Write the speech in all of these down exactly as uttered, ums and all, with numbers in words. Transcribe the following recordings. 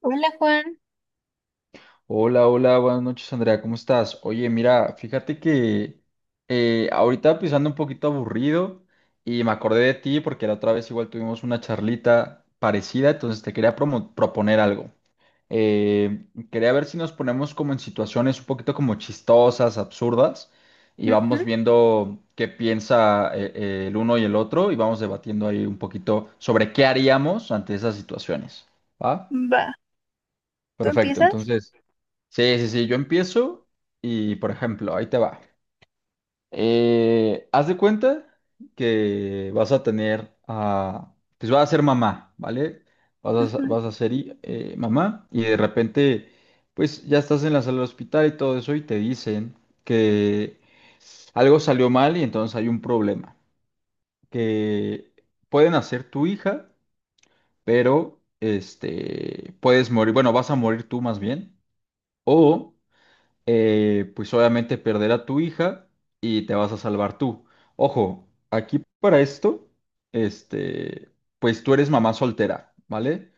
Hola Juan. Hola, hola, buenas noches Andrea, ¿cómo estás? Oye, mira, fíjate que eh, ahorita pues ando un poquito aburrido y me acordé de ti porque la otra vez igual tuvimos una charlita parecida, entonces te quería promo- proponer algo. Eh, Quería ver si nos ponemos como en situaciones un poquito como chistosas, absurdas y Ujú. vamos viendo qué piensa eh, eh, el uno y el otro y vamos debatiendo ahí un poquito sobre qué haríamos ante esas situaciones. ¿Va? Va. ¿Tú Perfecto, empiezas? entonces... Sí, sí, sí, yo empiezo y, por ejemplo, ahí te va. Eh, haz de cuenta que vas a tener a, pues vas a ser mamá, ¿vale? Vas a, Ujú. vas a ser i- eh, mamá y de repente, pues ya estás en la sala del hospital y todo eso y te dicen que algo salió mal y entonces hay un problema, que pueden hacer tu hija, pero, este, puedes morir, bueno, vas a morir tú más bien. O eh, pues obviamente perder a tu hija y te vas a salvar tú. Ojo, aquí para esto, este, pues tú eres mamá soltera, ¿vale?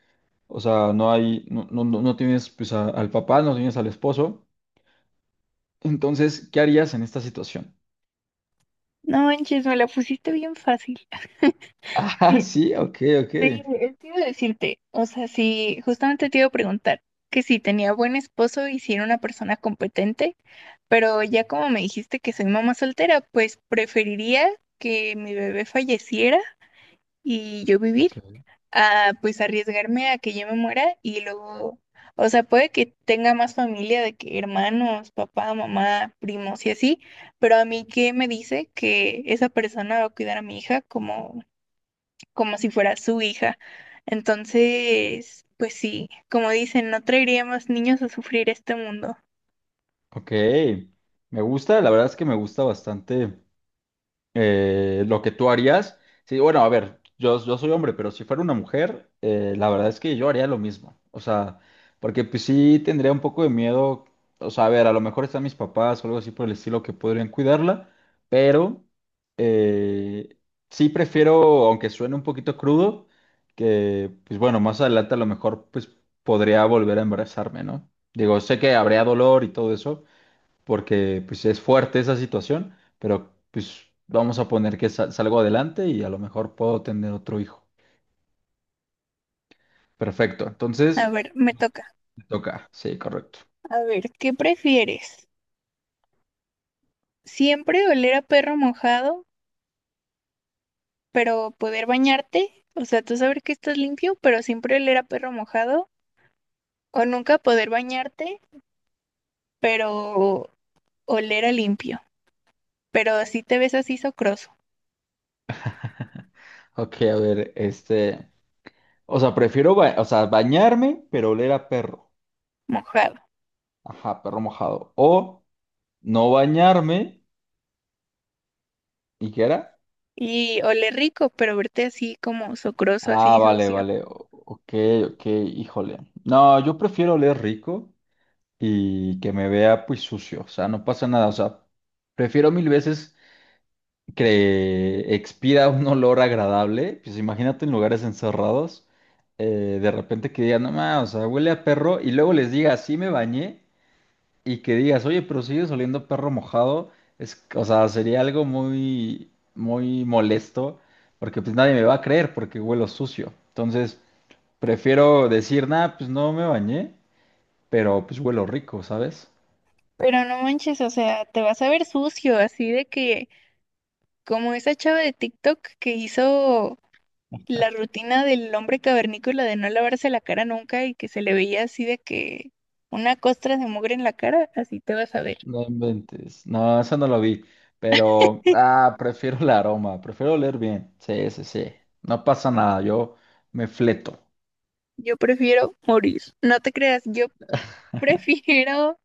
O sea, no hay, no, no, no no tienes pues a- al papá, no tienes al esposo. Entonces, ¿qué harías en esta situación? No manches, me la pusiste bien fácil. Ah, Sí, sí, ok, ok. sí, eh, te iba a decirte, o sea, sí, justamente te iba a preguntar que si tenía buen esposo y si era una persona competente, pero ya como me dijiste que soy mamá soltera, pues preferiría que mi bebé falleciera y yo vivir. Ok. a pues arriesgarme a que yo me muera y luego, o sea, puede que tenga más familia de que hermanos, papá, mamá, primos y así, pero a mí qué me dice que esa persona va a cuidar a mi hija como, como si fuera su hija. Entonces, pues sí, como dicen, no traeríamos niños a sufrir este mundo. Ok, me gusta, la verdad es que me gusta bastante eh, lo que tú harías. Sí, bueno, a ver, yo, yo soy hombre, pero si fuera una mujer, eh, la verdad es que yo haría lo mismo. O sea, porque pues sí tendría un poco de miedo. O sea, a ver, a lo mejor están mis papás o algo así por el estilo que podrían cuidarla, pero eh, sí prefiero, aunque suene un poquito crudo, que pues bueno, más adelante a lo mejor pues podría volver a embarazarme, ¿no? Digo, sé que habría dolor y todo eso, porque pues es fuerte esa situación, pero pues vamos a poner que sal- salgo adelante y a lo mejor puedo tener otro hijo. Perfecto, A entonces ver, me toca. me toca. Sí, correcto. A ver, ¿qué prefieres? ¿Siempre oler a perro mojado pero poder bañarte, o sea, tú saber que estás limpio, pero siempre oler a perro mojado, o nunca poder bañarte, pero oler a limpio, pero así te ves así socroso, Ok, a ver, este, o sea, prefiero, ba- o sea, bañarme, pero oler a perro. mojado, Ajá, perro mojado. O no bañarme, ¿y qué era? y oler rico, pero verte así como socroso, Ah, así vale, sucio? vale. o- Ok, ok, híjole. No, yo prefiero oler rico y que me vea pues sucio. O sea, no pasa nada. O sea, prefiero mil veces que expira un olor agradable, pues imagínate en lugares encerrados, eh, de repente que digan, no más, o sea, huele a perro, y luego les diga, sí me bañé, y que digas, oye, pero sigues oliendo a perro mojado, es, o sea, sería algo muy, muy molesto, porque pues nadie me va a creer porque huelo sucio. Entonces, prefiero decir, nada, pues no me bañé, pero pues huelo rico, ¿sabes? Pero no manches, o sea, te vas a ver sucio, así de que como esa chava de TikTok que hizo La rutina del hombre cavernícola de no lavarse la cara nunca y que se le veía así de que una costra de mugre en la cara, así te vas a ver. No inventes. No, esa no la vi. Pero, ah, prefiero el aroma. Prefiero oler bien. Sí, sí, sí. No pasa nada. Yo me fleto. Yo prefiero morir. No te creas, yo prefiero.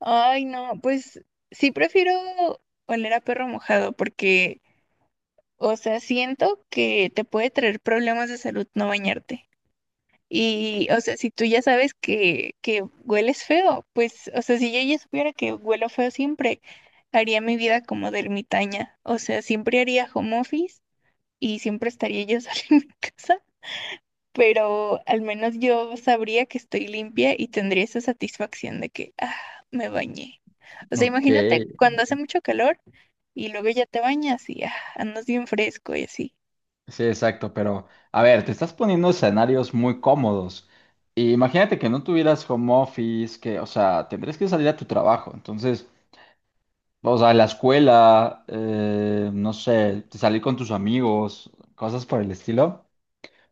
Ay, no, pues sí prefiero oler a perro mojado porque, o sea, siento que te puede traer problemas de salud no bañarte. Y, o sea, si tú ya sabes que, que hueles feo, pues, o sea, si yo ya supiera que huelo feo siempre, haría mi vida como de ermitaña. O sea, siempre haría home office y siempre estaría yo sola en mi casa, pero al menos yo sabría que estoy limpia y tendría esa satisfacción de que, ah, me bañé. O sea, Ok. imagínate cuando hace mucho calor y luego ya te bañas y ah, andas bien fresco y así. Sí, exacto. Pero, a ver, te estás poniendo escenarios muy cómodos. Y imagínate que no tuvieras home office, que, o sea, tendrías que salir a tu trabajo. Entonces, o sea, la escuela, eh, no sé, salir con tus amigos, cosas por el estilo.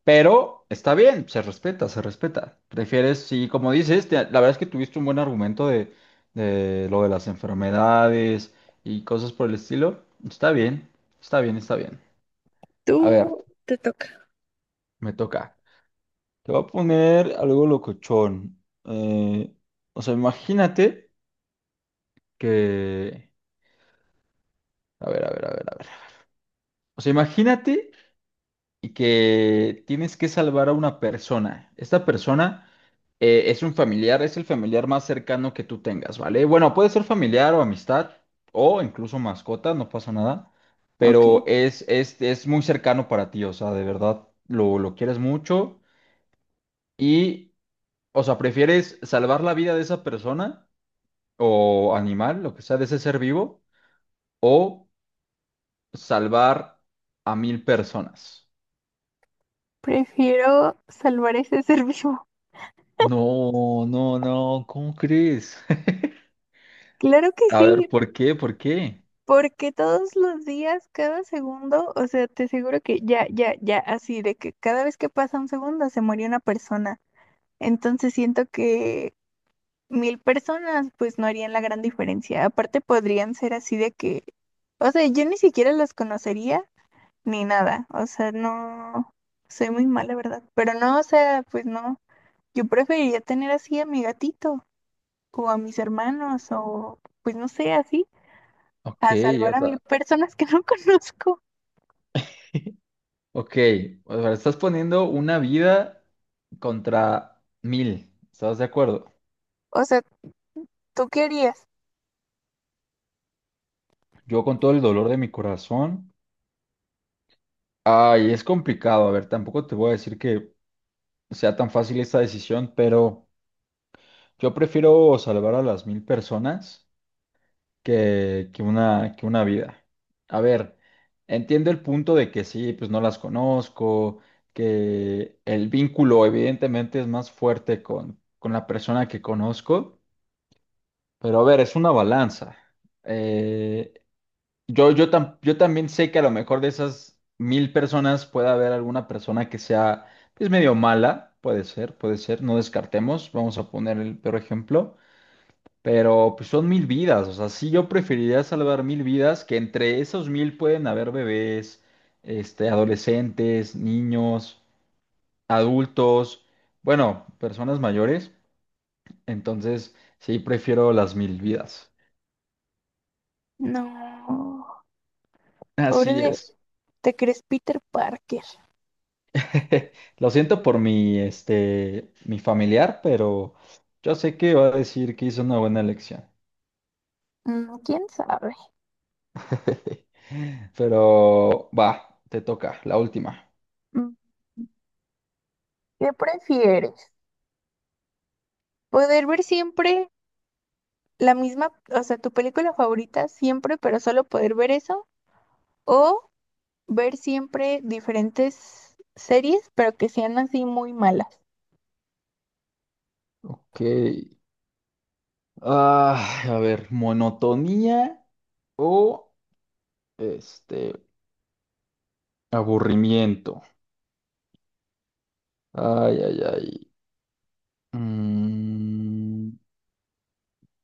Pero está bien, se respeta, se respeta. Prefieres, sí, como dices, te- la verdad es que tuviste un buen argumento de, de lo de las enfermedades y cosas por el estilo. Está bien, está bien, está bien. Tú A ver, te toca. me toca. Te voy a poner algo locochón. Eh, o sea, imagínate que... A ver, a ver, a ver, a ver. O sea, imagínate y que tienes que salvar a una persona. Esta persona eh, es un familiar, es el familiar más cercano que tú tengas, ¿vale? Bueno, puede ser familiar o amistad o incluso mascota, no pasa nada, Ok, pero es, es, es muy cercano para ti, o sea, de verdad lo, lo quieres mucho y, o sea, prefieres salvar la vida de esa persona o animal, lo que sea, de ese ser vivo, o salvar a mil personas. prefiero salvar ese ser vivo. No, no, no, ¿cómo crees? Claro que A sí, ver, ¿por qué? ¿Por qué? porque todos los días, cada segundo, o sea, te aseguro que ya, ya, ya, así de que cada vez que pasa un segundo se muere una persona. Entonces siento que mil personas pues no harían la gran diferencia. Aparte podrían ser así de que, o sea, yo ni siquiera los conocería ni nada. O sea, no, soy muy mala, ¿verdad? Pero no, o sea, pues no. Yo preferiría tener así a mi gatito o a mis hermanos o pues no sé, así. Ok, A salvar o a mil sea, personas que no conozco. ok. O sea, estás poniendo una vida contra mil. ¿Estás de acuerdo? O sea, ¿tú qué harías? Yo con todo el dolor de mi corazón. Ay, es complicado. A ver, tampoco te voy a decir que sea tan fácil esta decisión, pero yo prefiero salvar a las mil personas que, que una, que una vida. A ver, entiendo el punto de que sí, pues no las conozco, que el vínculo evidentemente es más fuerte con, con la persona que conozco, pero a ver, es una balanza. Eh, yo, yo, tam- yo también sé que a lo mejor de esas mil personas puede haber alguna persona que sea pues medio mala, puede ser, puede ser, no descartemos, vamos a poner el peor ejemplo. Pero pues son mil vidas, o sea, sí yo preferiría salvar mil vidas, que entre esos mil pueden haber bebés, este, adolescentes, niños, adultos, bueno, personas mayores. Entonces, sí prefiero las mil vidas. No, pobre Así de, es. ¿te crees Peter Parker? Lo siento por mi, este, mi familiar, pero yo sé que va a decir que hizo una buena elección. Mm, ¿Quién sabe? Pero va, te toca, la última. Mm, ¿Qué prefieres? Poder ver siempre la misma, o sea, tu película favorita siempre, pero solo poder ver eso, o ver siempre diferentes series, pero que sean así muy malas. Ok. Ah, a ver, monotonía o este aburrimiento. Ay, ay, ay. Mm,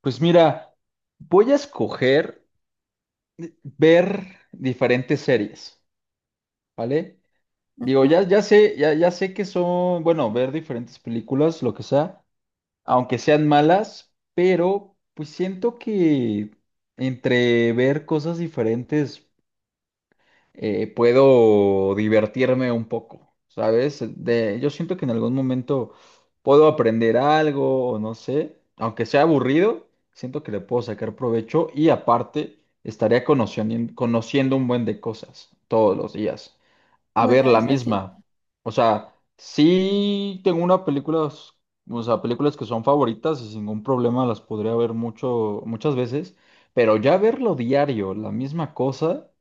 pues mira, voy a escoger ver diferentes series, ¿vale? Digo, Ujú. ya, ya sé, ya, ya sé que son, bueno, ver diferentes películas, lo que sea, aunque sean malas, pero pues siento que entre ver cosas diferentes. Eh, puedo divertirme un poco, ¿sabes? De, yo siento que en algún momento puedo aprender algo o no sé, aunque sea aburrido, siento que le puedo sacar provecho y aparte estaría conociendo, conociendo un buen de cosas todos los días. A ver Bueno, la eso sí. misma. O sea, sí tengo una película, o sea, películas que son favoritas y sin ningún problema las podría ver mucho, muchas veces, pero ya verlo diario, la misma cosa.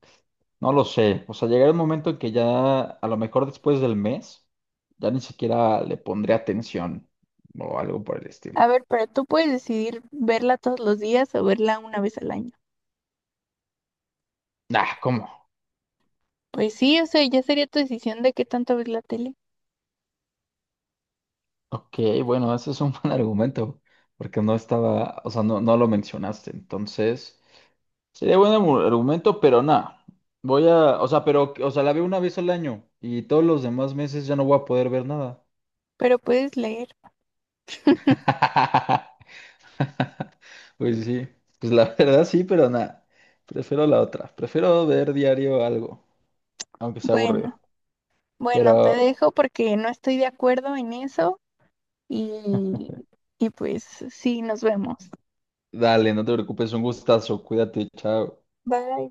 No lo sé. O sea, llegará un momento en que ya, a lo mejor después del mes, ya ni siquiera le pondré atención o algo por el estilo. A ver, pero tú puedes decidir verla todos los días o verla una vez al año. Ah, ¿cómo? Pues sí, o sea, ya sería tu decisión de qué tanto ves la tele, Ok, bueno, ese es un buen argumento, porque no estaba, o sea, no, no lo mencionaste. Entonces, sería buen argu- argumento, pero nada. Voy a, o sea, pero, o sea, la veo una vez al año y todos los demás meses ya no voy a poder ver nada. pero puedes leer. Pues sí, pues la verdad sí, pero nada, prefiero la otra. Prefiero ver diario algo, aunque sea Bueno, aburrido. bueno, te Pero dejo porque no estoy de acuerdo en eso y, y pues sí, nos vemos. dale, no te preocupes, un gustazo, cuídate, chao. Bye.